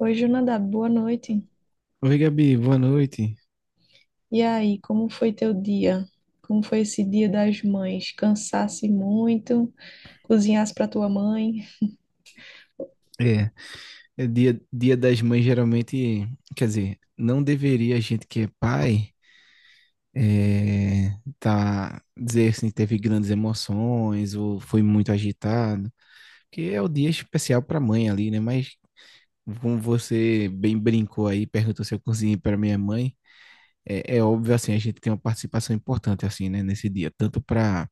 Oi, Jonadab, boa noite. Oi, Gabi, boa noite. E aí, como foi teu dia? Como foi esse dia das mães? Cansasse muito? Cozinhasse para tua mãe? É, é dia das mães geralmente, quer dizer, não deveria a gente que é pai é, tá dizer assim, teve grandes emoções ou foi muito agitado, que é o dia especial para mãe ali, né? Mas como você bem brincou aí, perguntou se eu cozinhei para minha mãe, é óbvio assim, a gente tem uma participação importante assim, né, nesse dia, tanto para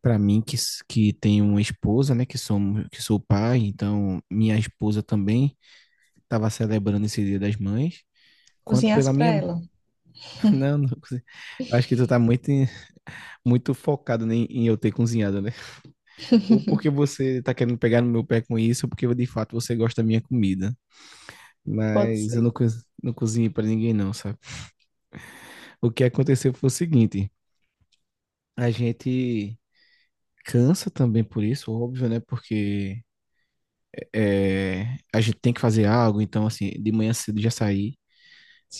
mim que tenho uma esposa, né, que sou pai, então minha esposa também tava celebrando esse Dia das Mães, quanto Cozinhasse pela para minha. ela? Não, não consegui. Acho que tu tá muito focado, né, em eu ter cozinhado, né? Ou porque você tá querendo pegar no meu pé com isso, ou porque de fato você gosta da minha comida. Pode Mas eu não, ser. co- não cozinhei pra ninguém, não, sabe? O que aconteceu foi o seguinte: a gente cansa também por isso, óbvio, né? Porque é, a gente tem que fazer algo, então, assim, de manhã cedo já saí.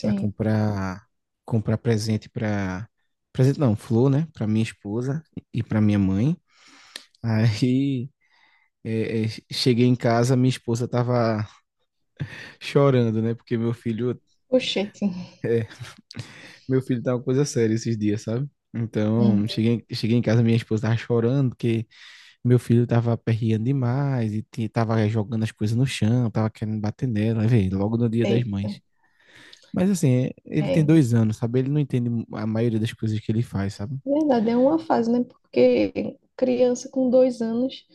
Para comprar presente não, flor, né, para minha esposa e para minha mãe. Aí cheguei em casa, minha esposa tava chorando, né, porque Oxente. meu filho tá uma coisa séria esses dias, sabe? Hum. Então, cheguei em casa, minha esposa tava chorando, porque meu filho tava aperreando demais e tava jogando as coisas no chão, tava querendo bater nela, aí, vê, logo no dia das Eita. mães. Mas assim, ele tem É. dois anos, sabe? Ele não entende a maioria das coisas que ele faz, sabe? Verdade, é uma fase, né? Porque criança com dois anos,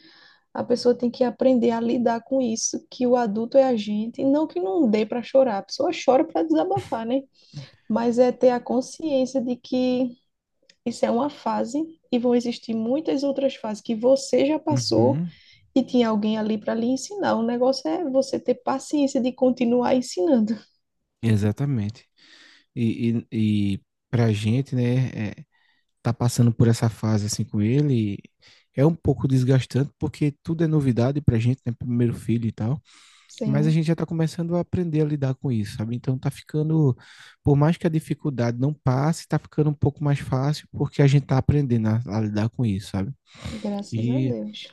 a pessoa tem que aprender a lidar com isso, que o adulto é a gente. Não que não dê para chorar, a pessoa chora para desabafar, né? Mas é ter a consciência de que. Isso é uma fase e vão existir muitas outras fases que você já passou Uhum. e tinha alguém ali para lhe ensinar. O negócio é você ter paciência de continuar ensinando. Exatamente. E pra gente, né, tá passando por essa fase assim com ele, é um pouco desgastante, porque tudo é novidade pra gente, né, primeiro filho e tal, mas a Sim, gente já tá começando a aprender a lidar com isso, sabe? Então tá ficando, por mais que a dificuldade não passe, tá ficando um pouco mais fácil, porque a gente tá aprendendo a lidar com isso, sabe? graças a E Deus.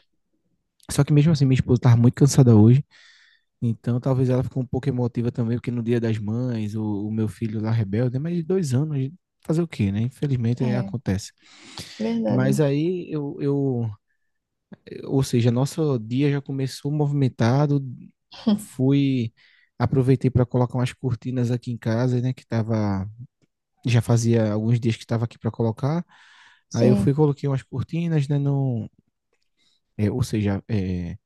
só que mesmo assim, minha esposa tava muito cansada hoje. Então, talvez ela ficou um pouco emotiva também, porque no Dia das Mães, o meu filho lá rebelde, né, mas de dois anos, fazer o quê, né? Infelizmente É, acontece. verdade. Mas ou seja, nosso dia já começou movimentado, fui, aproveitei para colocar umas cortinas aqui em casa, né? Que tava, já fazia alguns dias que estava aqui para colocar. Aí eu fui, Sim. coloquei umas cortinas, né? No, é, ou seja, é,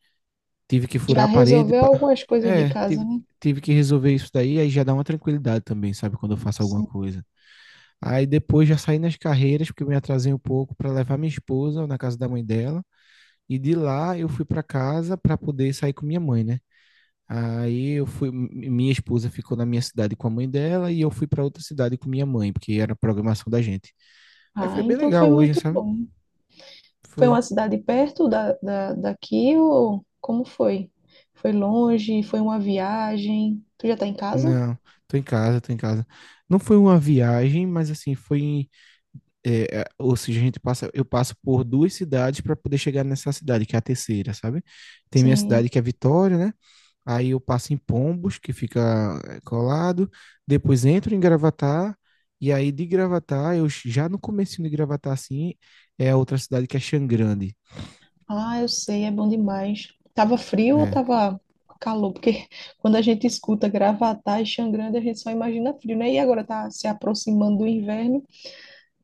Tive que furar Já a parede. resolveu pa- algumas coisas de É, casa, tive, né? tive que resolver isso daí. Aí já dá uma tranquilidade também, sabe? Quando eu faço alguma Sim. coisa. Aí depois já saí nas carreiras, porque eu me atrasei um pouco para levar minha esposa na casa da mãe dela. E de lá eu fui para casa para poder sair com minha mãe, né? Aí eu fui. Mi- Minha esposa ficou na minha cidade com a mãe dela e eu fui para outra cidade com minha mãe, porque era a programação da gente. Aí Ah, foi bem então foi legal hoje, muito sabe? bom. Foi Foi. uma cidade perto daqui ou como foi? Foi longe? Foi uma viagem? Tu já tá em casa? Não, tô em casa. Não foi uma viagem, mas assim, ou seja, eu passo por duas cidades para poder chegar nessa cidade, que é a terceira, sabe? Tem minha Sim. cidade que é Vitória, né? Aí eu passo em Pombos, que fica colado, depois entro em Gravatar, e aí de Gravatar, já no comecinho de Gravatar, assim, é a outra cidade que é Xangrande. Ah, eu sei, é bom demais. Tava frio ou É. tava calor? Porque quando a gente escuta Gravatá e Xangrande, a gente só imagina frio, né? E agora tá se aproximando do inverno,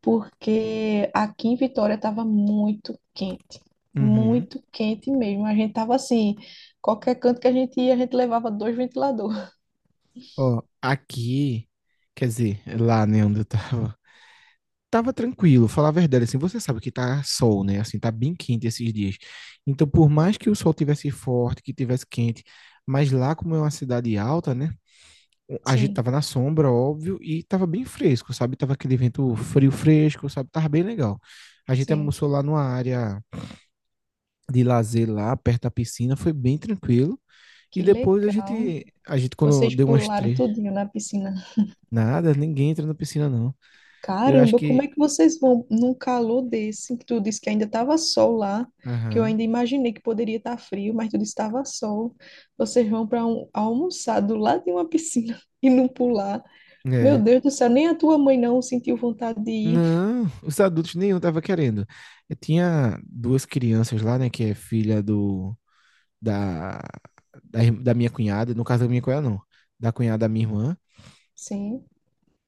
porque aqui em Vitória tava Uhum. muito quente mesmo. A gente tava assim, qualquer canto que a gente ia, a gente levava dois ventiladores. Ó, quer dizer, lá, né, onde eu tava, tava tranquilo, falar a verdade, assim, você sabe que tá sol, né? Assim, tá bem quente esses dias. Então, por mais que o sol tivesse forte, que tivesse quente, mas lá como é uma cidade alta, né? A gente Sim, tava na sombra, óbvio, e tava bem fresco, sabe? Tava aquele vento frio fresco, sabe? Tava bem legal. A gente sim. almoçou lá numa área de lazer lá, perto da piscina, foi bem tranquilo. E Que depois legal. A gente quando Vocês deu umas pularam três, tudinho na piscina. nada, ninguém entra na piscina não. Eu acho Caramba, como é que, que vocês vão num calor desse, que tu disse que ainda estava sol lá, que eu aham, ainda imaginei que poderia estar frio, mas tu disse que estava sol. Vocês vão para um, almoçar do lado de uma piscina e não pular. Meu é. Deus do céu, nem a tua mãe não sentiu vontade de ir. Não, os adultos nenhum tava querendo. Eu tinha duas crianças lá, né, que é filha do da da, ir- da minha cunhada, no caso da minha cunhada não, da cunhada da minha irmã. Sim,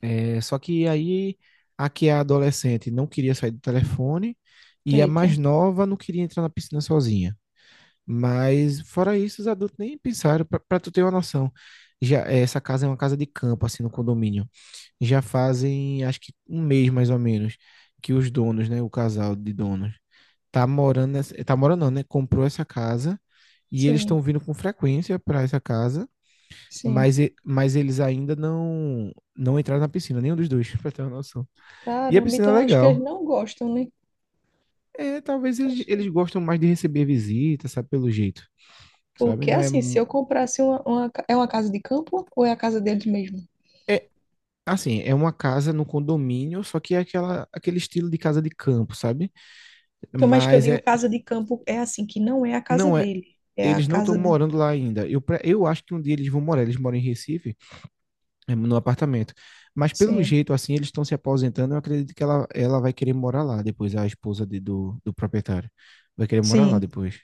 É, só que aí a que é adolescente não queria sair do telefone e a eita, mais nova não queria entrar na piscina sozinha. Mas fora isso, os adultos nem pensaram, pra tu ter uma noção. Já essa casa é uma casa de campo assim no condomínio já fazem, acho que um mês mais ou menos, que os donos, né, o casal de donos, tá morando não, né, comprou essa casa e eles sim, estão vindo com frequência para essa casa, sim. Mas eles ainda não entraram na piscina, nenhum dos dois, pra ter uma noção. E a Caramba, piscina é então acho que eles legal. não gostam, né? É, talvez Acho que... eles gostam mais de receber visitas, sabe, pelo jeito, sabe? Porque Não é, assim, se mu- eu comprasse uma ca- é uma casa de campo ou é a casa deles mesmo? é assim, é uma casa no condomínio, só que é aquele estilo de casa de campo, sabe? Então, mas que eu Mas digo é, casa de campo é assim, que não é a casa não é, dele, é a eles não estão casa de... morando lá ainda. Eu acho que um dia eles vão morar, eles moram em Recife, no apartamento. Mas pelo Sim, jeito, assim, eles estão se aposentando, eu acredito que ela vai querer morar lá depois, a do proprietário. Vai querer morar lá sim. depois.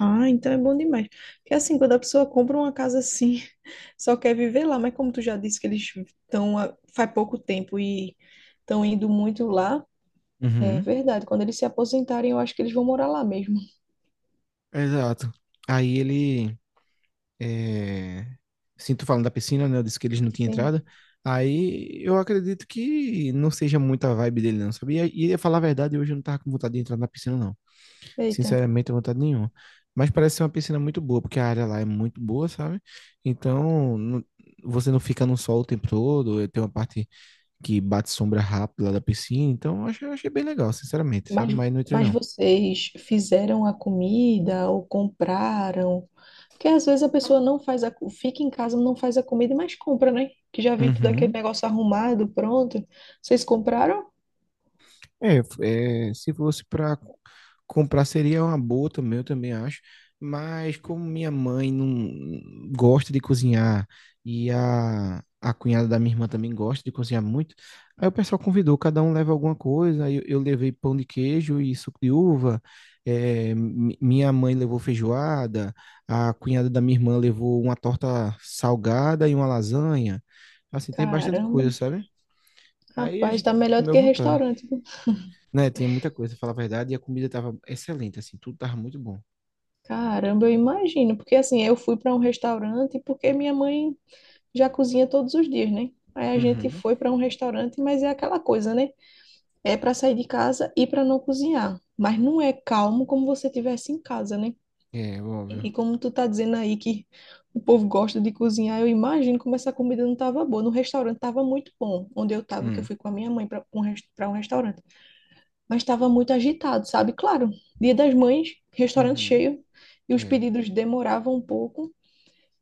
Ah, então é bom demais. Porque assim, quando a pessoa compra uma casa assim, só quer viver lá, mas como tu já disse que eles estão há- faz pouco tempo e estão indo muito lá, é Uhum. verdade. Quando eles se aposentarem, eu acho que eles vão morar lá mesmo. Exato. Aí ele. É... Assim, tu falando da piscina, né? Eu disse que eles não tinham Sim. entrada. Aí eu acredito que não seja muita a vibe dele, não, sabia? Pra falar a verdade, hoje eu não tava com vontade de entrar na piscina, não. Eita. Sinceramente, não tenho vontade nenhuma. Mas parece ser uma piscina muito boa, porque a área lá é muito boa, sabe? Então, não- você não fica no sol o tempo todo. Tem uma parte que bate sombra rápido lá da piscina. Então, eu achei bem legal, sinceramente, sabe? Mas, Mas não entrei, mas não. vocês fizeram a comida ou compraram? Porque às vezes a pessoa não faz a, co- fica em casa, não faz a comida, mas compra, né? Que já vem tudo aquele Uhum. negócio arrumado, pronto. Vocês compraram? Se fosse para comprar seria uma boa também, eu também acho. Mas como minha mãe não gosta de cozinhar e a cunhada da minha irmã também gosta de cozinhar muito, aí o pessoal convidou, cada um leva alguma coisa. Aí eu levei pão de queijo e suco de uva. Minha mãe levou feijoada, a cunhada da minha irmã levou uma torta salgada e uma lasanha. Assim, tem bastante Caramba, coisa, sabe? Aí a rapaz, gente tá melhor do comeu à que vontade. restaurante, viu? Né, tinha muita coisa, pra falar a verdade, e a comida tava excelente, assim, tudo tava muito bom. Caramba, eu imagino, porque assim, eu fui para um restaurante porque minha mãe já cozinha todos os dias, né? Aí a gente Uhum. foi para um restaurante, mas é aquela coisa, né? É para sair de casa e para não cozinhar, mas não é calmo como você tivesse em casa, né? É, óbvio. E como tu tá dizendo aí que o povo gosta de cozinhar, eu imagino como essa comida não tava boa. No restaurante tava muito bom, onde eu tava, que eu Hum. fui com a minha mãe para um, res- pra um restaurante. Mas tava muito agitado, sabe? Claro, Dia das Mães, restaurante Uhum. cheio, e os É. pedidos demoravam um pouco.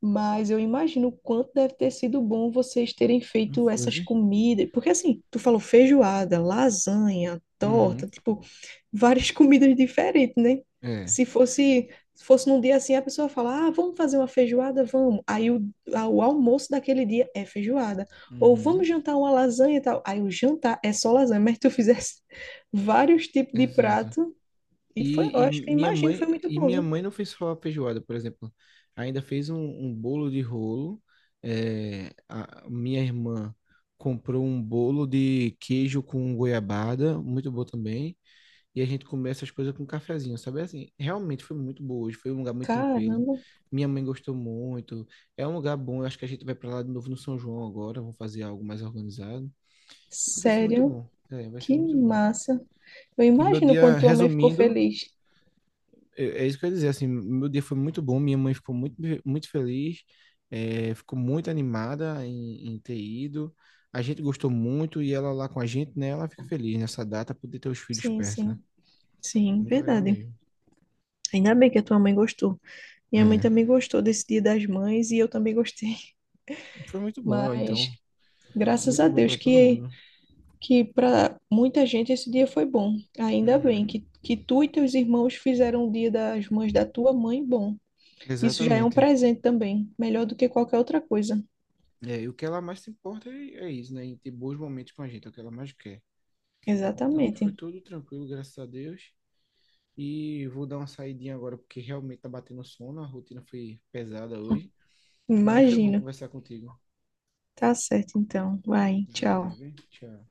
Mas eu imagino o quanto deve ter sido bom vocês terem Não feito essas foi? comidas. Porque assim, tu falou feijoada, lasanha, Uhum. torta, tipo, várias comidas diferentes, né? É. Se fosse, se fosse num dia assim, a pessoa fala, ah, vamos fazer uma feijoada, vamos. Aí a- o almoço daquele dia é feijoada. Ou Uhum. vamos jantar uma lasanha e tal. Aí o jantar é só lasanha, mas tu fizesse vários tipos de Exato. prato. E foi, eu E, e acho que eu minha imagino, que mãe, foi muito e bom, minha viu? mãe não fez só a feijoada, por exemplo. Ainda fez um, um bolo de rolo. É, a minha irmã comprou um bolo de queijo com goiabada, muito bom também. E a gente comeu essas coisas com um cafezinho, sabe? Assim, realmente foi muito boa hoje, foi um lugar muito tranquilo. Caramba, Minha mãe gostou muito. É um lugar bom, eu acho que a gente vai para lá de novo no São João agora, vamos fazer algo mais organizado. E vai ser muito sério. bom. É, vai ser Que muito bom. massa. Eu E meu imagino dia, quanto tua mãe ficou resumindo, feliz. É isso que eu ia dizer, assim, meu dia foi muito bom, minha mãe ficou muito feliz, ficou muito animada em ter ido. A gente gostou muito e ela lá com a gente, né? Ela fica feliz nessa data, poder ter os filhos Sim, perto, né? sim, sim, Muito legal verdade. mesmo. Ainda bem que a tua mãe gostou. Minha mãe É. também gostou desse Dia das Mães e eu também gostei. Foi muito bom, Mas então. graças Muito a bom para Deus todo que mundo. que para muita gente esse dia foi bom. Ainda bem Uhum. que tu e teus irmãos fizeram o Dia das Mães da tua mãe bom. Isso já é um Exatamente. presente também, melhor do que qualquer outra coisa. É, e o que ela mais se importa é isso, né? Em ter bons momentos com a gente, é o que ela mais quer. Então foi Exatamente. tudo tranquilo, graças a Deus. E vou dar uma saidinha agora, porque realmente tá batendo sono, a rotina foi pesada hoje. Mas foi bom Imagino. conversar contigo. Tá certo então. Vai, tchau. Valeu, hein? Tchau.